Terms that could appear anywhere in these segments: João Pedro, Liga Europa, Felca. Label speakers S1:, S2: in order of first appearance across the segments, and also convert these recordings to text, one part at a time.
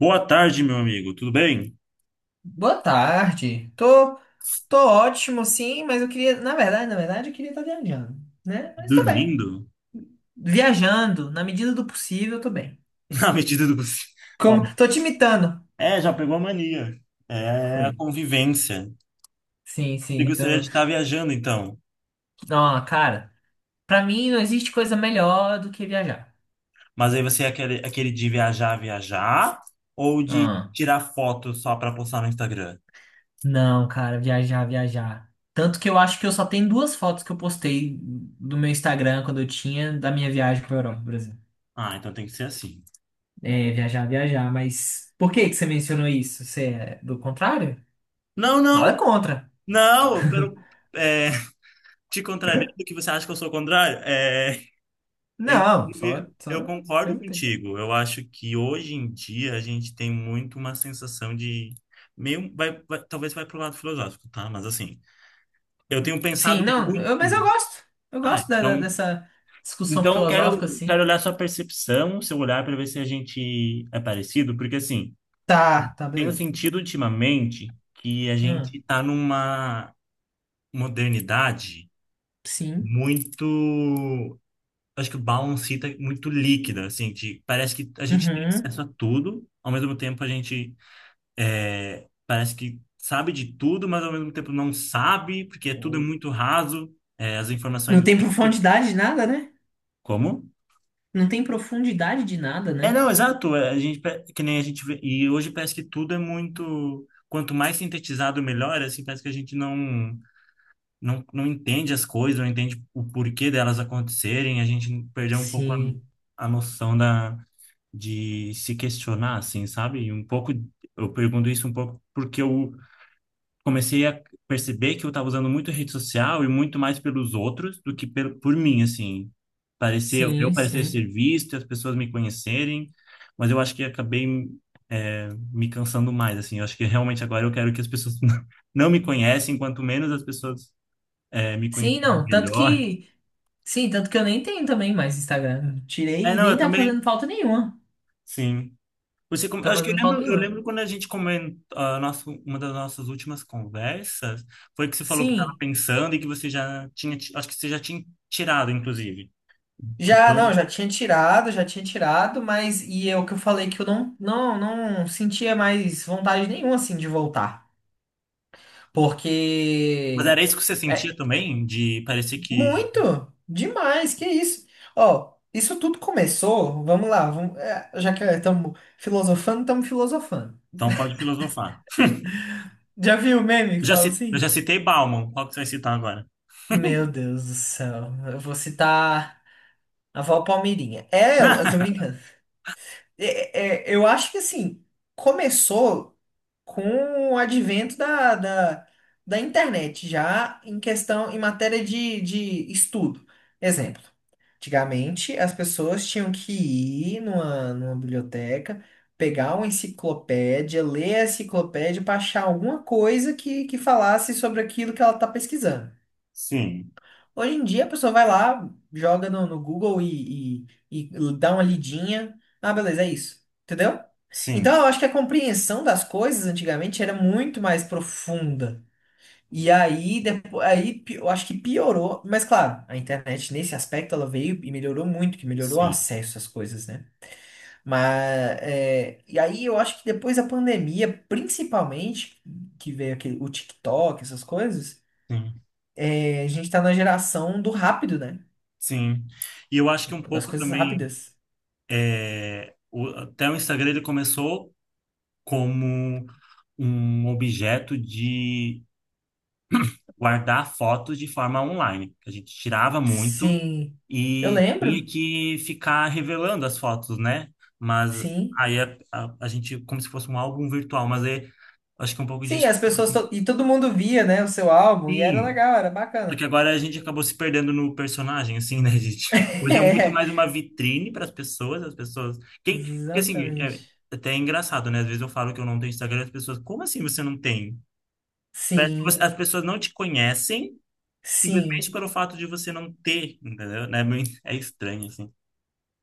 S1: Boa tarde, meu amigo. Tudo bem?
S2: Boa tarde. Tô ótimo, sim, mas eu queria, na verdade, eu queria estar viajando, né? Mas tô bem.
S1: Dormindo?
S2: Viajando, na medida do possível, eu tô bem.
S1: Na medida do possível. Ó,
S2: Como, tô te imitando.
S1: é, já pegou a mania. É
S2: Foi.
S1: a convivência.
S2: Sim,
S1: Você
S2: sim,
S1: gostaria
S2: tô.
S1: de estar viajando, então.
S2: Não, cara, pra mim não existe coisa melhor do que viajar.
S1: Mas aí você é aquele de viajar, viajar? Ou de
S2: Ah,
S1: tirar foto só para postar no Instagram?
S2: não, cara, viajar, viajar. Tanto que eu acho que eu só tenho duas fotos que eu postei do meu Instagram quando eu tinha da minha viagem pra Europa, por exemplo.
S1: Ah, então tem que ser assim.
S2: É, viajar, viajar, mas por que que você mencionou isso? Você é do contrário?
S1: Não, não,
S2: Nada contra.
S1: não. Pelo, é, te contrariando que você acha que eu sou o contrário? É,
S2: Não, só,
S1: inclusive, eu
S2: só
S1: concordo
S2: perguntei.
S1: contigo. Eu acho que hoje em dia a gente tem muito uma sensação de meio talvez vai pro lado filosófico, tá? Mas assim, eu tenho pensado
S2: Sim, não,
S1: muito.
S2: mas eu gosto. Eu
S1: Ah,
S2: gosto
S1: então,
S2: dessa discussão
S1: então eu
S2: filosófica,
S1: quero
S2: assim.
S1: quero olhar sua percepção, seu olhar para ver se a gente é parecido, porque assim,
S2: Tá, tá,
S1: tenho
S2: beleza.
S1: sentido ultimamente que a
S2: Hum,
S1: gente tá numa modernidade
S2: sim.
S1: muito, acho que o balancita é muito líquida, assim, que parece que a gente tem
S2: Uhum.
S1: acesso a tudo, ao mesmo tempo a gente é, parece que sabe de tudo, mas ao mesmo tempo não sabe, porque tudo é muito raso, é, as
S2: Não
S1: informações...
S2: tem profundidade de nada, né?
S1: Como?
S2: Não tem profundidade de nada,
S1: É,
S2: né?
S1: não, exato, é, a gente, que nem a gente vê, e hoje parece que tudo é muito... Quanto mais sintetizado, melhor, assim, parece que a gente não, não, não entende as coisas, não entende o porquê delas acontecerem, a gente perdeu um pouco
S2: Sim,
S1: a noção da... de se questionar, assim, sabe? E um pouco, eu pergunto isso um pouco porque eu comecei a perceber que eu estava usando muito rede social e muito mais pelos outros do que pelo, por mim, assim. Parecer eu
S2: sim,
S1: parecer
S2: sim.
S1: ser visto, as pessoas me conhecerem, mas eu acho que acabei é, me cansando mais, assim. Eu acho que realmente agora eu quero que as pessoas não me conhecem, quanto menos as pessoas é, me
S2: Sim,
S1: conhecerem
S2: não, tanto
S1: melhor.
S2: que. Sim, tanto que eu nem tenho também mais Instagram.
S1: É,
S2: Tirei e
S1: não,
S2: nem
S1: eu
S2: tá
S1: também,
S2: fazendo falta nenhuma.
S1: sim. Você,
S2: Não
S1: eu
S2: tá
S1: acho que eu
S2: fazendo falta
S1: lembro, eu
S2: nenhuma.
S1: lembro quando a gente comentou, a nosso, uma das nossas últimas conversas, foi que você falou que estava
S2: Sim.
S1: pensando e que você já tinha, acho que você já tinha tirado, inclusive.
S2: Já,
S1: Então,
S2: não, já tinha tirado, mas e é o que eu falei que eu não sentia mais vontade nenhuma assim de voltar,
S1: mas
S2: porque
S1: era isso que você sentia
S2: é
S1: também, de parecer que,
S2: muito demais, que isso? Ó, isso tudo começou, vamos lá, já que estamos filosofando, estamos filosofando.
S1: então pode filosofar.
S2: Já viu o meme que
S1: Eu já
S2: fala
S1: citei, eu
S2: assim?
S1: já citei Bauman, qual que você vai citar agora?
S2: Meu Deus do céu, eu vou citar a avó Palmeirinha. É, eu tô brincando. É, é, eu acho que assim, começou com o advento da internet, já em questão, em matéria de estudo. Exemplo, antigamente as pessoas tinham que ir numa biblioteca, pegar uma enciclopédia, ler a enciclopédia para achar alguma coisa que falasse sobre aquilo que ela está pesquisando.
S1: Sim,
S2: Hoje em dia a pessoa vai lá, joga no Google e dá uma lidinha. Ah, beleza, é isso. Entendeu? Então
S1: sim,
S2: eu acho que a compreensão das coisas antigamente era muito mais profunda. E aí, eu acho que piorou. Mas claro, a internet nesse aspecto ela veio e melhorou muito, que melhorou o
S1: sim,
S2: acesso às coisas, né? Mas é, e aí eu acho que depois da pandemia, principalmente, que veio aquele, o TikTok, essas coisas,
S1: sim,
S2: a gente tá na geração do rápido, né?
S1: sim. E eu acho que um
S2: Das
S1: pouco
S2: coisas
S1: também,
S2: rápidas.
S1: até o Instagram ele começou como um objeto de guardar fotos de forma online. A gente tirava muito
S2: Sim. Eu
S1: e tinha
S2: lembro.
S1: que ficar revelando as fotos, né? Mas
S2: Sim.
S1: aí a gente, como se fosse um álbum virtual, mas aí, acho que é um pouco
S2: Sim,
S1: disso que você falou assim.
S2: e todo mundo via, né, o seu álbum. E era
S1: Sim,
S2: legal, era
S1: só que
S2: bacana.
S1: agora a gente acabou se perdendo no personagem, assim, né, gente? Hoje é muito
S2: É,
S1: mais uma vitrine para as pessoas, as pessoas. Quem... Porque assim, é
S2: exatamente.
S1: até é engraçado, né? Às vezes eu falo que eu não tenho Instagram e as pessoas, como assim você não tem? Parece que você-
S2: Sim,
S1: As pessoas não te conhecem simplesmente
S2: sim,
S1: pelo fato de você não ter, entendeu? Né? Bem- É estranho, assim.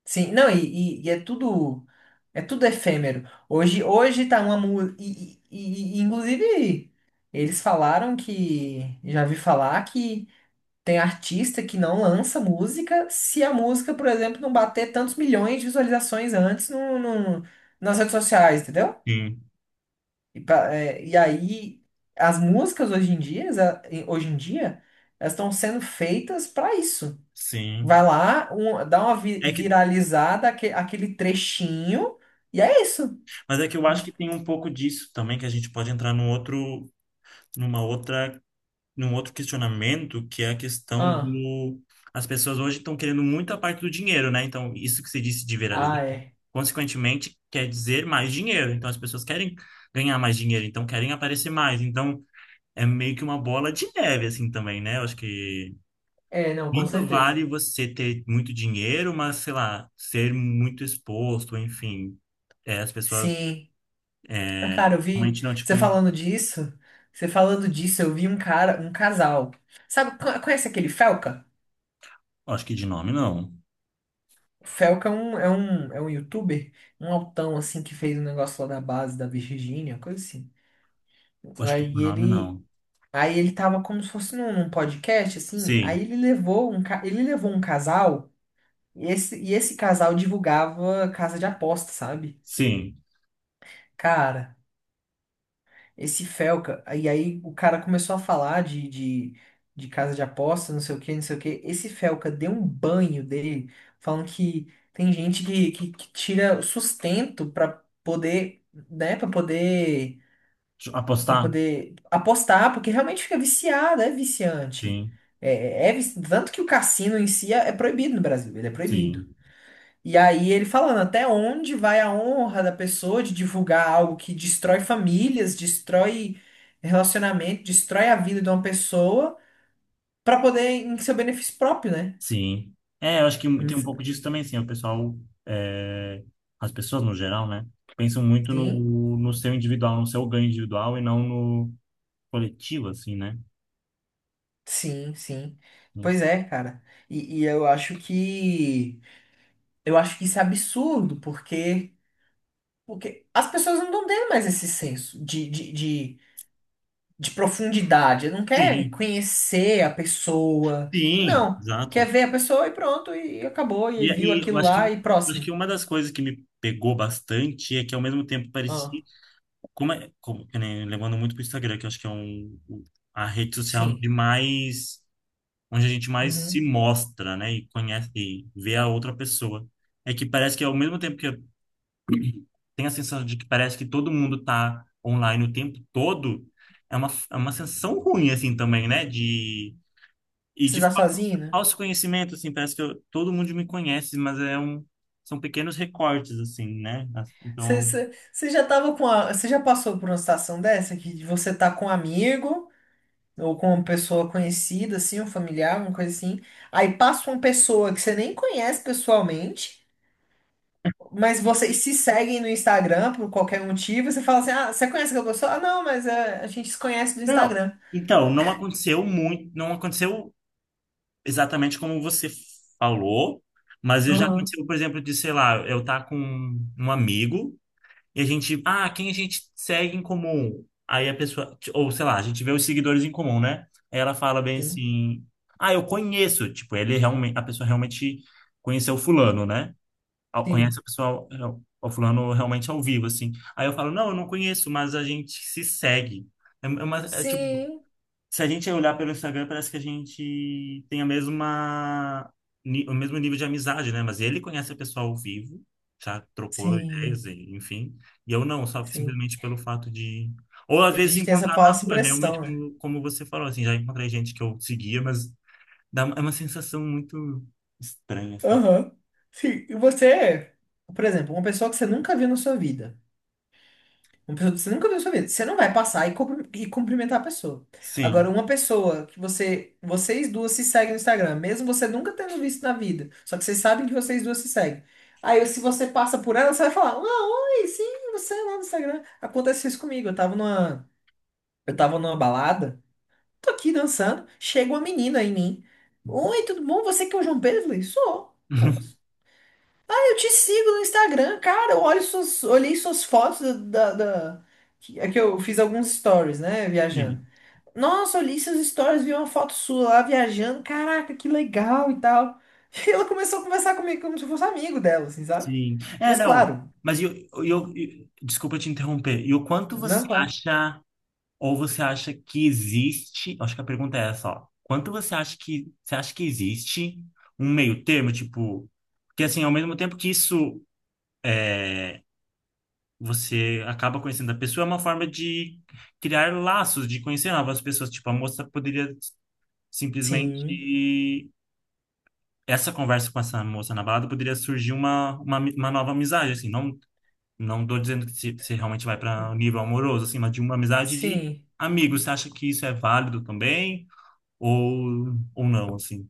S2: sim. Não, e é tudo. É tudo efêmero. Hoje tá uma música. Inclusive, eles falaram que. Já vi falar que. Tem artista que não lança música se a música, por exemplo, não bater tantos milhões de visualizações antes nas redes sociais, entendeu?
S1: Sim,
S2: E aí, as músicas hoje em dia, elas estão sendo feitas para isso. Vai
S1: sim.
S2: lá, dá uma vi-
S1: É que,
S2: viralizada, aquele trechinho, e é isso.
S1: mas é que eu acho que tem um pouco disso também, que a gente pode entrar numa outra, num outro questionamento, que é a questão
S2: Ah,
S1: do... As pessoas hoje estão querendo muito a parte do dinheiro, né? Então, isso que você disse de viralizar,
S2: ah, é.
S1: consequentemente, quer dizer mais dinheiro. Então, as pessoas querem ganhar mais dinheiro, então querem aparecer mais. Então, é meio que uma bola de neve, assim, também, né? Eu acho que
S2: É, não, com
S1: quanto vale
S2: certeza.
S1: você ter muito dinheiro, mas, sei lá, ser muito exposto, enfim. É, as pessoas
S2: Sim. Ah, cara, eu vi
S1: realmente não te
S2: você
S1: conhecem.
S2: falando disso. Você falando disso, eu vi um cara, um casal. Sabe, conhece aquele Felca?
S1: Acho que de nome não.
S2: O Felca é um, youtuber, um altão assim que fez um negócio lá da base da Virgínia, coisa assim.
S1: Acho que por
S2: Aí
S1: nome
S2: ele,
S1: não.
S2: aí ele tava como se fosse num podcast assim. Aí
S1: Sim,
S2: ele levou um, ca- ele levou um casal e esse casal divulgava casa de aposta, sabe?
S1: sim.
S2: Cara. Esse Felca. E aí o cara começou a falar de casa de aposta, não sei o que, não sei o que. Esse Felca deu um banho dele, falando que tem gente que tira o sustento pra poder, né, para poder,
S1: Deixa eu
S2: para
S1: apostar?
S2: poder apostar, porque realmente fica viciado, é viciante.
S1: Sim,
S2: Tanto que o cassino em si é proibido no Brasil, ele é proibido.
S1: sim,
S2: E aí ele falando até onde vai a honra da pessoa de divulgar algo que destrói famílias, destrói relacionamento, destrói a vida de uma pessoa para poder em seu benefício próprio, né?
S1: sim. É, eu acho que
S2: Hum,
S1: tem um pouco disso também, sim. O pessoal, é, as pessoas no geral, né? Pensam muito
S2: sim,
S1: no seu individual, no seu ganho individual e não no coletivo, assim, né?
S2: sim, sim. Pois
S1: Enfim.
S2: é, cara. E eu acho que isso é absurdo, porque as pessoas não estão tendo mais esse senso de profundidade. Não quer
S1: Sim,
S2: conhecer a pessoa.
S1: sim,
S2: Não. Quer
S1: exato.
S2: ver a pessoa e pronto, e acabou, e
S1: E,
S2: viu
S1: e eu
S2: aquilo
S1: acho que,
S2: lá e
S1: acho
S2: próximo.
S1: que uma das coisas que me pegou bastante é que ao mesmo tempo parecia,
S2: Ah,
S1: como é, como, que nem- levando muito pro Instagram, que eu acho que é a rede social de
S2: sim.
S1: mais, onde a gente mais se
S2: Uhum.
S1: mostra, né, e conhece, e vê a outra pessoa. É que parece que ao mesmo tempo que eu tenho a sensação de que parece que todo mundo tá online o tempo todo, é é uma sensação ruim, assim, também, né, de... E
S2: Você
S1: de
S2: tá sozinho, né?
S1: autoconhecimento, assim, parece que todo mundo me conhece, mas é um, são pequenos recortes, assim, né? Então,
S2: Você, você, você já tava com a, você já passou por uma situação dessa que você tá com um amigo ou com uma pessoa conhecida, assim, um familiar, uma coisa assim. Aí passa uma pessoa que você nem conhece pessoalmente. Mas vocês se seguem no Instagram por qualquer motivo, e você fala assim, ah, você conhece aquela pessoa? Ah, não, mas é, a gente se conhece do
S1: não,
S2: Instagram.
S1: então, não aconteceu exatamente como você falou, mas eu já
S2: Aham.
S1: aconteceu, por exemplo, de, sei lá, eu estar com um amigo e a gente, ah, quem a gente segue em comum? Aí a pessoa, ou sei lá, a gente vê os seguidores em comum, né? Aí ela fala bem
S2: Sim,
S1: assim, ah, eu conheço, tipo, ele realmente, a pessoa realmente conheceu fulano, né?
S2: sim.
S1: Conhece o pessoal, é, o fulano realmente ao vivo, assim. Aí eu falo, não, eu não conheço, mas a gente se segue. É, é tipo,
S2: Sim,
S1: se a gente olhar pelo Instagram, parece que a gente tem a mesma, o mesmo nível de amizade, né? Mas ele conhece a pessoa ao vivo, já trocou ideias,
S2: sim,
S1: enfim. E eu não, só
S2: sim.
S1: simplesmente pelo fato de... Ou às
S2: A
S1: vezes
S2: gente tem essa
S1: encontrar na
S2: falsa
S1: rua, realmente,
S2: impressão, né?
S1: como, como você falou, assim, já encontrei gente que eu seguia, mas dá, é uma sensação muito estranha, assim.
S2: Aham. Sim. E você, por exemplo, uma pessoa que você nunca viu na sua vida. Uma pessoa que você nunca viu na sua vida. Você não vai passar e cumprimentar a pessoa. Agora,
S1: Sim.
S2: uma pessoa que vocês duas se seguem no Instagram, mesmo você nunca tendo visto na vida, só que vocês sabem que vocês duas se seguem. Aí, se você passa por ela, você vai falar: Ah, oi, sim, você lá no Instagram. Acontece isso comigo. Eu tava numa balada, tô aqui dançando, chega uma menina em mim. Oi, tudo bom? Você que é o João Pedro? Eu falei, sou. Eu te sigo no Instagram, cara. Eu olhei suas fotos da, da- é que eu fiz alguns stories, né?
S1: Sim.
S2: Viajando. Nossa, olhei seus stories, vi uma foto sua lá viajando. Caraca, que legal e tal. E ela começou a conversar comigo como se eu fosse amigo dela, assim, sabe?
S1: Sim. É,
S2: Mas
S1: não.
S2: claro,
S1: Mas
S2: co-
S1: desculpa te interromper. E o quanto você
S2: não, claro.
S1: acha, ou você acha que existe, acho que a pergunta é essa, ó. Quanto você acha que existe um meio termo, tipo, porque assim, ao mesmo tempo que isso você acaba conhecendo a pessoa, é uma forma de criar laços, de conhecer novas pessoas. Tipo, a moça poderia
S2: Sim,
S1: simplesmente essa conversa com essa moça na balada poderia surgir uma nova amizade, assim, não. Não tô dizendo que você realmente vai para nível amoroso, assim, mas de uma amizade de
S2: sim.
S1: amigos. Você acha que isso é válido também? Ou não, assim?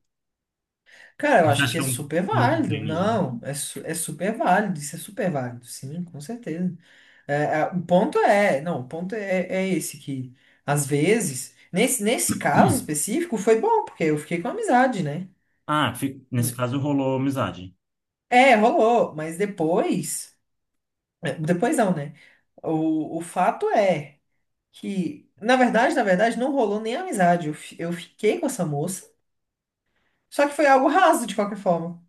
S2: Cara, eu
S1: Você
S2: acho
S1: acha
S2: que
S1: que
S2: é
S1: é
S2: super
S1: um outro
S2: válido.
S1: tema já?
S2: Não, é super válido. Isso é super válido. Sim, com certeza. É, o ponto é, não, o ponto é, é esse, que às vezes, nesse caso específico, foi bom, porque eu fiquei com amizade, né?
S1: Ah, nesse caso rolou amizade.
S2: É, rolou, mas depois, depois não, né? O fato é que, na verdade, não rolou nem amizade. Eu fiquei com essa moça, só que foi algo raso de qualquer forma,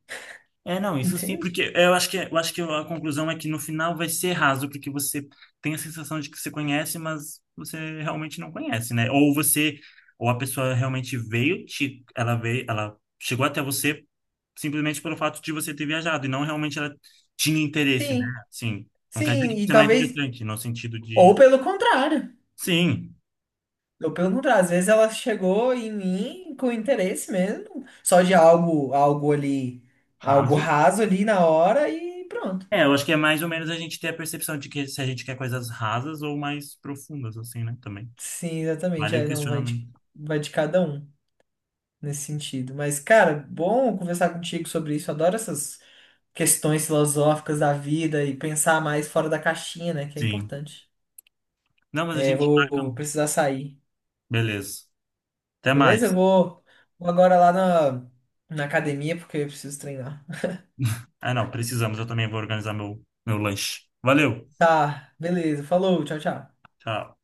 S1: É, não, isso sim,
S2: entende?
S1: porque eu acho que a conclusão é que no final vai ser raso, porque você tem a sensação de que você conhece, mas você realmente não conhece, né? Ou você, ou a pessoa realmente veio, te, ela veio, ela chegou até você simplesmente pelo fato de você ter viajado, e não realmente ela tinha interesse, né?
S2: Sim,
S1: Assim, não quer dizer
S2: sim,
S1: que
S2: e
S1: você não é
S2: talvez,
S1: interessante, no sentido
S2: ou
S1: de,
S2: pelo contrário.
S1: sim,
S2: Ou pelo contrário, às vezes ela chegou em mim com interesse mesmo, só de algo ali, algo
S1: raso.
S2: raso ali na hora e pronto.
S1: É, eu acho que é mais ou menos a gente ter a percepção de que se a gente quer coisas rasas ou mais profundas, assim, né? Também.
S2: Sim, exatamente.
S1: Vale o
S2: É, não, vai
S1: questionamento.
S2: de, vai de cada um nesse sentido. Mas, cara, bom conversar contigo sobre isso. Adoro essas questões filosóficas da vida e pensar mais fora da caixinha, né? Que é
S1: Sim.
S2: importante.
S1: Não, mas a
S2: É,
S1: gente
S2: vou,
S1: marca.
S2: vou precisar sair.
S1: Beleza. Até
S2: Beleza? Eu
S1: mais.
S2: vou, vou agora lá na academia porque eu preciso treinar.
S1: Ah, não, precisamos. Eu também vou organizar meu lanche. Valeu.
S2: Tá, beleza. Falou, tchau, tchau.
S1: Tchau.